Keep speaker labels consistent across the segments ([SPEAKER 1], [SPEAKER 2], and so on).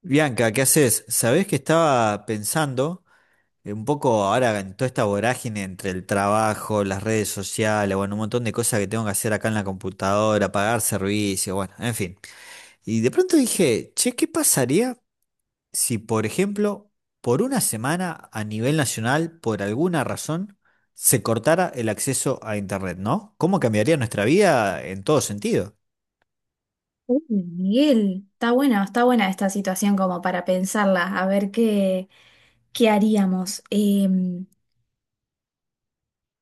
[SPEAKER 1] Bianca, ¿qué haces? Sabés que estaba pensando un poco ahora en toda esta vorágine entre el trabajo, las redes sociales, bueno, un montón de cosas que tengo que hacer acá en la computadora, pagar servicios, bueno, en fin. Y de pronto dije, che, ¿qué pasaría si, por ejemplo, por una semana a nivel nacional, por alguna razón, se cortara el acceso a Internet, ¿no? ¿Cómo cambiaría nuestra vida en todo sentido?
[SPEAKER 2] Uy, Miguel, está buena esta situación como para pensarla, a ver qué haríamos. Em,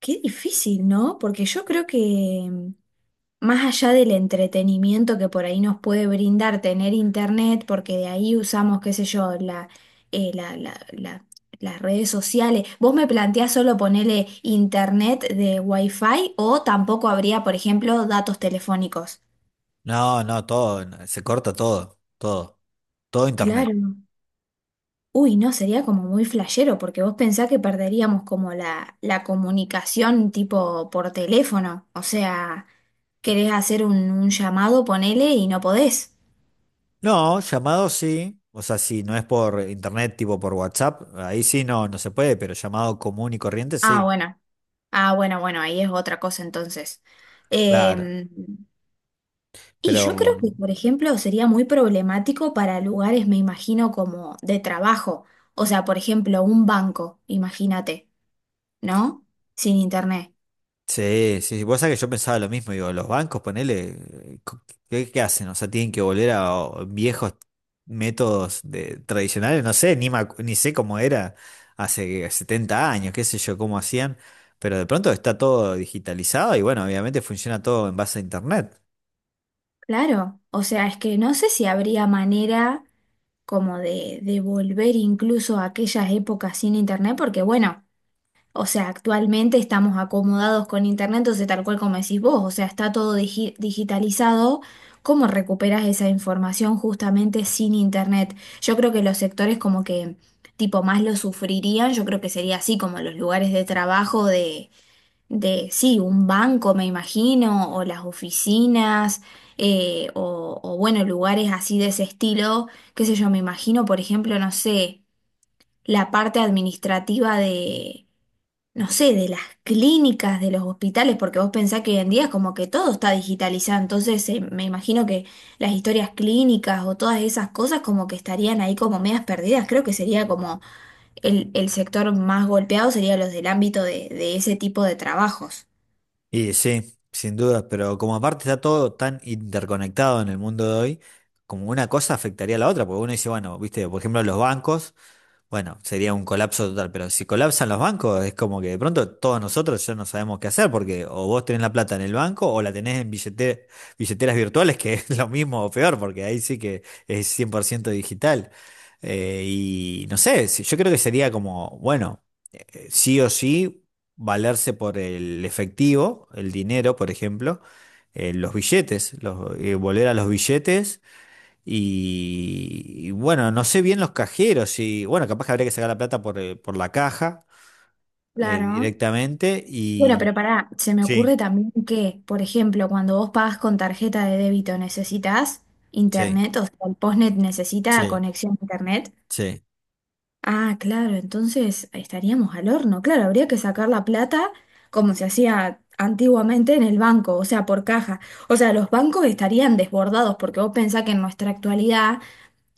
[SPEAKER 2] qué difícil, ¿no? Porque yo creo que em, más allá del entretenimiento que por ahí nos puede brindar tener internet, porque de ahí usamos, qué sé yo, eh, la- la- la- las redes sociales. ¿Vos me planteás solo ponerle internet de Wi-Fi o tampoco habría, por ejemplo, datos telefónicos?
[SPEAKER 1] No, no, todo, no, se corta todo, todo, todo Internet.
[SPEAKER 2] Claro. Uy, no, sería como muy flashero, porque vos pensás que perderíamos como la comunicación tipo por teléfono. O sea, querés hacer un llamado, ponele y no podés.
[SPEAKER 1] No, llamado sí. O sea, si no es por internet, tipo por WhatsApp, ahí sí no, no se puede, pero llamado común y corriente
[SPEAKER 2] Ah,
[SPEAKER 1] sí,
[SPEAKER 2] bueno. Ah, bueno, bueno, ahí es otra cosa entonces.
[SPEAKER 1] claro.
[SPEAKER 2] Eh, y
[SPEAKER 1] Pero
[SPEAKER 2] yo creo que, por ejemplo, sería muy problemático para lugares, me imagino, como de trabajo. O sea, por ejemplo, un banco, imagínate, ¿no? Sin internet.
[SPEAKER 1] sí, sí, sí, vos sabés que yo pensaba lo mismo, digo, los bancos, ponele, eh, co- ¿qué hacen? O sea, tienen que volver a o, viejos métodos de, tradicionales, no sé, ni, me acu- ni sé cómo era hace 70 años, qué sé yo, cómo hacían, pero de pronto está todo digitalizado y bueno, obviamente funciona todo en base a internet.
[SPEAKER 2] Claro. O sea, es que no sé si habría manera, como de volver incluso a aquellas épocas sin internet, porque bueno, o sea, actualmente estamos acomodados con internet, entonces tal cual como decís vos, o sea, está todo digitalizado. ¿Cómo recuperas esa información justamente sin internet? Yo creo que los sectores como que tipo más lo sufrirían, yo creo que sería así como los lugares de trabajo de, sí, un banco, me imagino, o las oficinas, o, bueno, lugares así de ese estilo, qué sé yo, me imagino, por ejemplo, no sé, la parte administrativa no sé, de las clínicas, de los hospitales, porque vos pensás que hoy en día es como que todo está digitalizado, entonces me imagino que las historias clínicas o todas esas cosas como que estarían ahí como medias perdidas, creo que sería como el sector más golpeado sería los del ámbito de ese tipo de trabajos.
[SPEAKER 1] Y sí, sin duda, pero como aparte está todo tan interconectado en el mundo de hoy, como una cosa afectaría a la otra, porque uno dice, bueno, viste, por ejemplo, los bancos. Bueno, sería un colapso total, pero si colapsan los bancos, es como que de pronto todos nosotros ya no sabemos qué hacer, porque o vos tenés la plata en el banco o la tenés en billeteras virtuales, que es lo mismo o peor, porque ahí sí que es 100% digital. Y no sé, yo creo que sería como, bueno, sí o sí, valerse por el efectivo, el dinero, por ejemplo, los billetes, volver a los billetes y bueno, no sé bien los cajeros y bueno, capaz que habría que sacar la plata por la caja
[SPEAKER 2] Claro.
[SPEAKER 1] directamente
[SPEAKER 2] Bueno,
[SPEAKER 1] y
[SPEAKER 2] pero pará, se me ocurre
[SPEAKER 1] sí,
[SPEAKER 2] también que, por ejemplo, cuando vos pagas con tarjeta de débito, ¿necesitas
[SPEAKER 1] sí,
[SPEAKER 2] internet? O sea, el postnet necesita
[SPEAKER 1] sí,
[SPEAKER 2] conexión a internet.
[SPEAKER 1] sí.
[SPEAKER 2] Ah, claro, entonces estaríamos al horno. Claro, habría que sacar la plata como se hacía antiguamente en el banco, o sea, por caja. O sea, los bancos estarían desbordados porque vos pensás que en nuestra actualidad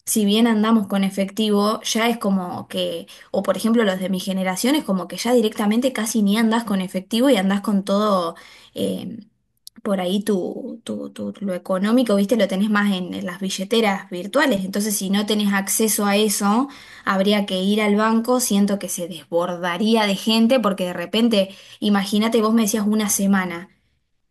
[SPEAKER 2] si bien andamos con efectivo, ya es como que, o por ejemplo los de mi generación, es como que ya directamente casi ni andás con efectivo y andás con todo eh, por ahí lo económico, viste, lo tenés más en las billeteras virtuales. Entonces, si no tenés acceso a eso, habría que ir al banco. Siento que se desbordaría de gente porque de repente, imagínate, vos me decías una semana.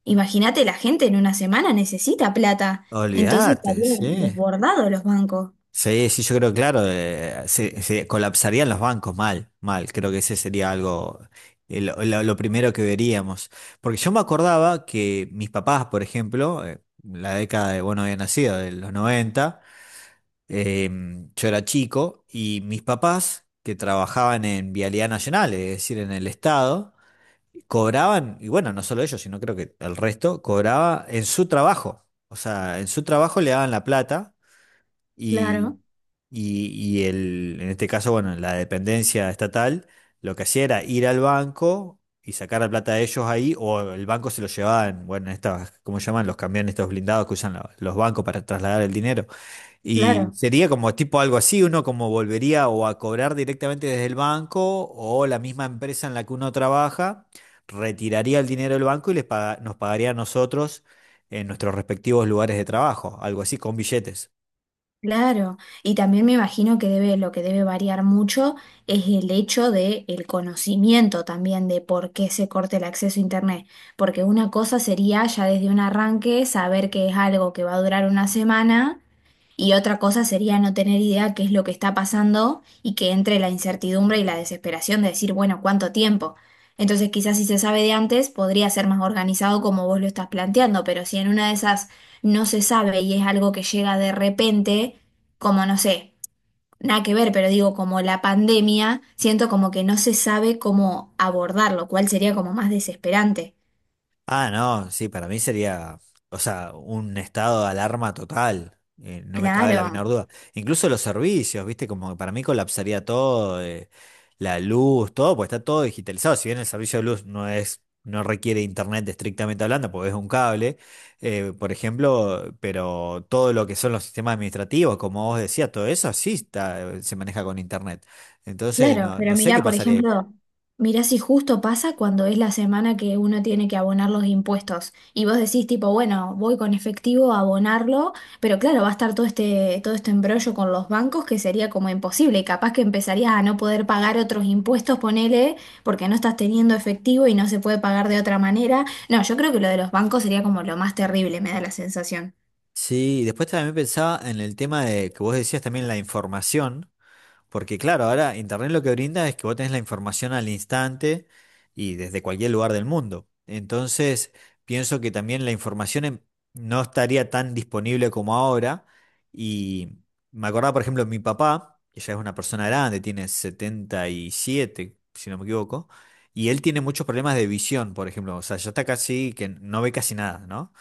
[SPEAKER 2] Imagínate, la gente en una semana necesita plata. Entonces
[SPEAKER 1] Olvídate,
[SPEAKER 2] estarían
[SPEAKER 1] sí.
[SPEAKER 2] desbordados los bancos.
[SPEAKER 1] Sí, sí, yo creo, claro, se colapsarían los bancos mal, mal. Creo que ese sería algo, lo primero que veríamos. Porque yo me acordaba que mis papás, por ejemplo, la década de, bueno, había nacido, de los 90. Yo era chico y mis papás, que trabajaban en Vialidad Nacional, es decir, en el Estado, cobraban, y bueno, no solo ellos, sino creo que el resto, cobraba en su trabajo. O sea, en su trabajo le daban la plata y,
[SPEAKER 2] Claro,
[SPEAKER 1] y, y el, en este caso, bueno, la dependencia estatal, lo que hacía era ir al banco y sacar la plata de ellos ahí, o el banco se lo llevaban, bueno, en bueno, estas, ¿cómo llaman? Los camiones, estos blindados que usan los bancos para trasladar el dinero. Y
[SPEAKER 2] claro,
[SPEAKER 1] sería como tipo algo así, uno como volvería o a cobrar directamente desde el banco o la misma empresa en la que uno trabaja retiraría el dinero del banco y nos pagaría a nosotros en nuestros respectivos lugares de trabajo, algo así, con billetes.
[SPEAKER 2] claro. Y también me imagino que debe, lo que debe variar mucho es el hecho de el conocimiento también de por qué se corta el acceso a internet. Porque una cosa sería ya desde un arranque saber que es algo que va a durar una semana. Y otra cosa sería no tener idea qué es lo que está pasando y que entre la incertidumbre y la desesperación de decir, bueno, ¿cuánto tiempo? Entonces quizás si se sabe de antes podría ser más organizado como vos lo estás planteando, pero si en una de esas no se sabe y es algo que llega de repente, como no sé, nada que ver, pero digo como la pandemia, siento como que no se sabe cómo abordarlo, cuál sería como más desesperante.
[SPEAKER 1] Ah, no, sí, para mí sería, o sea, un estado de alarma total, no me cabe la
[SPEAKER 2] Claro.
[SPEAKER 1] menor duda. Incluso los servicios, viste, como que para mí colapsaría todo, la luz, todo, pues está todo digitalizado. Si bien el servicio de luz no es, no requiere internet estrictamente hablando, porque es un cable, por ejemplo, pero todo lo que son los sistemas administrativos, como vos decías, todo eso sí está, se maneja con internet. Entonces,
[SPEAKER 2] Claro,
[SPEAKER 1] no, no
[SPEAKER 2] pero
[SPEAKER 1] sé qué
[SPEAKER 2] mirá, por
[SPEAKER 1] pasaría.
[SPEAKER 2] ejemplo, mirá si justo pasa cuando es la semana que uno tiene que abonar los impuestos y vos decís tipo, bueno, voy con efectivo a abonarlo, pero claro, va a estar todo este embrollo con los bancos que sería como imposible y capaz que empezarías a no poder pagar otros impuestos, ponele, porque no estás teniendo efectivo y no se puede pagar de otra manera. No, yo creo que lo de los bancos sería como lo más terrible, me da la sensación.
[SPEAKER 1] Sí, y después también pensaba en el tema de que vos decías también la información, porque claro, ahora Internet lo que brinda es que vos tenés la información al instante y desde cualquier lugar del mundo. Entonces, pienso que también la información no estaría tan disponible como ahora. Y me acordaba, por ejemplo, mi papá, que ya es una persona grande, tiene 77 si no me equivoco, y él tiene muchos problemas de visión, por ejemplo, o sea, ya está casi que no ve casi nada, ¿no?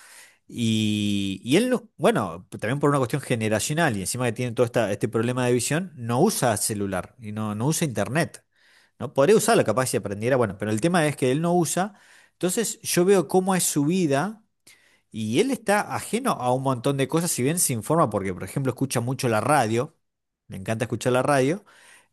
[SPEAKER 1] Y él, bueno, también por una cuestión generacional y encima que tiene todo esta, este problema de visión, no usa celular y no, no usa internet. ¿No? Podría usarlo capaz si aprendiera, bueno, pero el tema es que él no usa. Entonces yo veo cómo es su vida y él está ajeno a un montón de cosas, si bien se informa, porque por ejemplo escucha mucho la radio, le encanta escuchar la radio,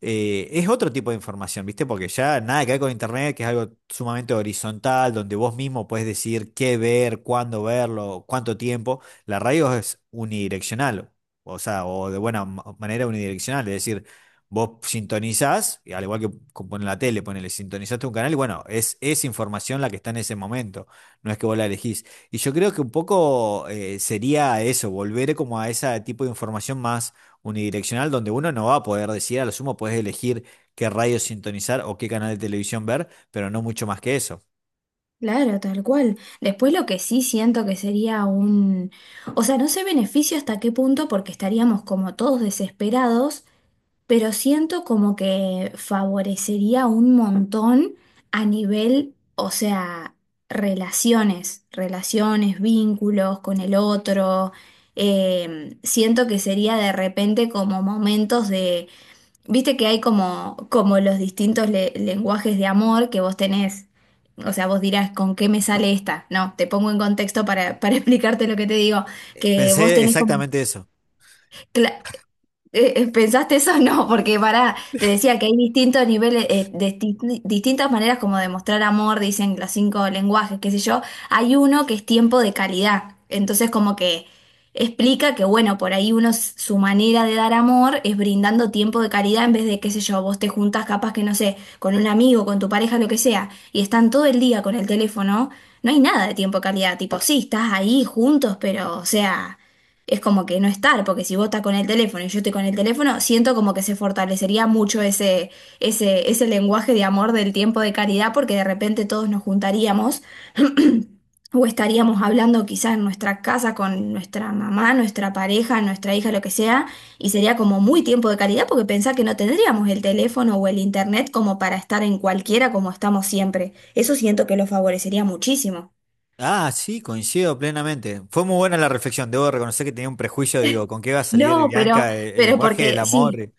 [SPEAKER 1] es otro tipo de información, ¿viste? Porque ya nada que ver con internet, que es algo sumamente horizontal, donde vos mismo puedes decir qué ver, cuándo verlo, cuánto tiempo. La radio es unidireccional, o sea, o de buena manera unidireccional, es decir, vos sintonizás, y al igual que con la tele, ponele, sintonizaste un canal y bueno, es información la que está en ese momento, no es que vos la elegís. Y yo creo que un poco sería eso, volver como a ese tipo de información más unidireccional, donde uno no va a poder decidir, a lo sumo puedes elegir qué radio sintonizar o qué canal de televisión ver, pero no mucho más que eso.
[SPEAKER 2] Claro, tal cual. Después lo que sí siento que sería un... O sea, no sé beneficio hasta qué punto porque estaríamos como todos desesperados, pero siento como que favorecería un montón a nivel, o sea, relaciones, relaciones, vínculos con el otro. Siento que sería de repente como momentos de... Viste que hay como, como los distintos lenguajes de amor que vos tenés. O sea, vos dirás, ¿con qué me sale esta? No, te pongo en contexto para explicarte lo que te digo. Que vos
[SPEAKER 1] Pensé
[SPEAKER 2] tenés como...
[SPEAKER 1] exactamente eso.
[SPEAKER 2] ¿Pensaste eso? No, porque para, te decía que hay distintos niveles, distintas maneras como de mostrar amor, dicen los cinco lenguajes, qué sé yo. Hay uno que es tiempo de calidad. Entonces, como que explica que, bueno, por ahí uno, su manera de dar amor es brindando tiempo de calidad en vez de, qué sé yo, vos te juntas capaz que, no sé, con un amigo, con tu pareja, lo que sea, y están todo el día con el teléfono, no hay nada de tiempo de calidad. Tipo, sí, estás ahí juntos, pero, o sea, es como que no estar, porque si vos estás con el teléfono y yo estoy con el teléfono, siento como que se fortalecería mucho ese lenguaje de amor del tiempo de caridad, porque de repente todos nos juntaríamos o estaríamos hablando quizás en nuestra casa con nuestra mamá, nuestra pareja, nuestra hija, lo que sea, y sería como muy tiempo de caridad porque pensá que no tendríamos el teléfono o el internet como para estar en cualquiera como estamos siempre. Eso siento que lo favorecería muchísimo.
[SPEAKER 1] Ah, sí, coincido plenamente. Fue muy buena la reflexión, debo reconocer que tenía un prejuicio, digo, ¿con qué va a salir
[SPEAKER 2] No,
[SPEAKER 1] Bianca? El
[SPEAKER 2] pero
[SPEAKER 1] lenguaje del
[SPEAKER 2] porque sí.
[SPEAKER 1] amor.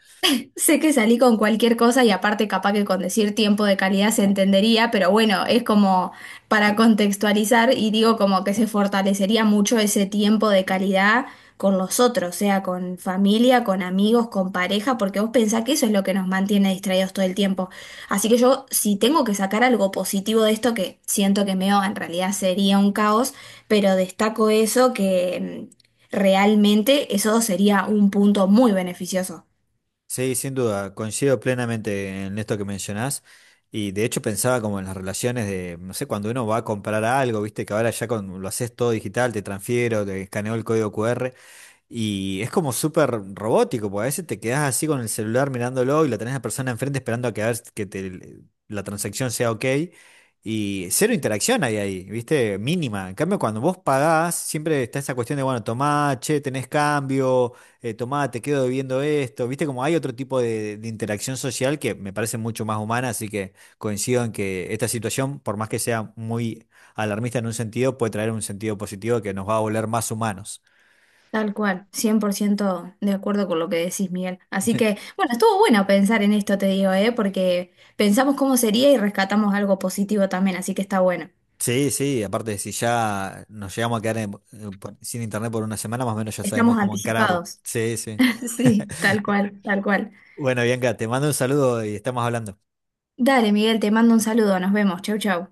[SPEAKER 2] Sé que salí con cualquier cosa y aparte capaz que con decir tiempo de calidad se entendería, pero bueno, es como para contextualizar y digo como que se fortalecería mucho ese tiempo de calidad con los otros, sea con familia, con amigos, con pareja, porque vos pensás que eso es lo que nos mantiene distraídos todo el tiempo. Así que yo, si tengo que sacar algo positivo de esto, que siento que meo en realidad sería un caos, pero destaco eso que realmente eso sería un punto muy beneficioso.
[SPEAKER 1] Sí, sin duda, coincido plenamente en esto que mencionás. Y de hecho pensaba como en las relaciones de, no sé, cuando uno va a comprar algo, viste que ahora ya con, lo haces todo digital, te transfiero, te escaneo el código QR. Y es como súper robótico, porque a veces te quedás así con el celular mirándolo y la tenés a la persona enfrente esperando a que, a ver que la transacción sea ok. Y cero interacción hay ahí, ¿viste? Mínima. En cambio, cuando vos pagás, siempre está esa cuestión de, bueno, tomá, che, tenés cambio, tomá, te quedo debiendo esto. ¿Viste? Como hay otro tipo de interacción social que me parece mucho más humana, así que coincido en que esta situación, por más que sea muy alarmista en un sentido, puede traer un sentido positivo que nos va a volver más humanos.
[SPEAKER 2] Tal cual, 100% de acuerdo con lo que decís, Miguel. Así que, bueno, estuvo bueno pensar en esto, te digo, ¿eh? Porque pensamos cómo sería y rescatamos algo positivo también, así que está bueno.
[SPEAKER 1] Sí, sí, aparte si ya nos llegamos a quedar sin internet por una semana, más o menos ya sabemos
[SPEAKER 2] Estamos
[SPEAKER 1] cómo encararlo.
[SPEAKER 2] anticipados.
[SPEAKER 1] Sí, sí.
[SPEAKER 2] Sí, tal cual, tal cual.
[SPEAKER 1] Bueno, Bianca, te mando un saludo y estamos hablando.
[SPEAKER 2] Dale, Miguel, te mando un saludo, nos vemos. Chau, chau.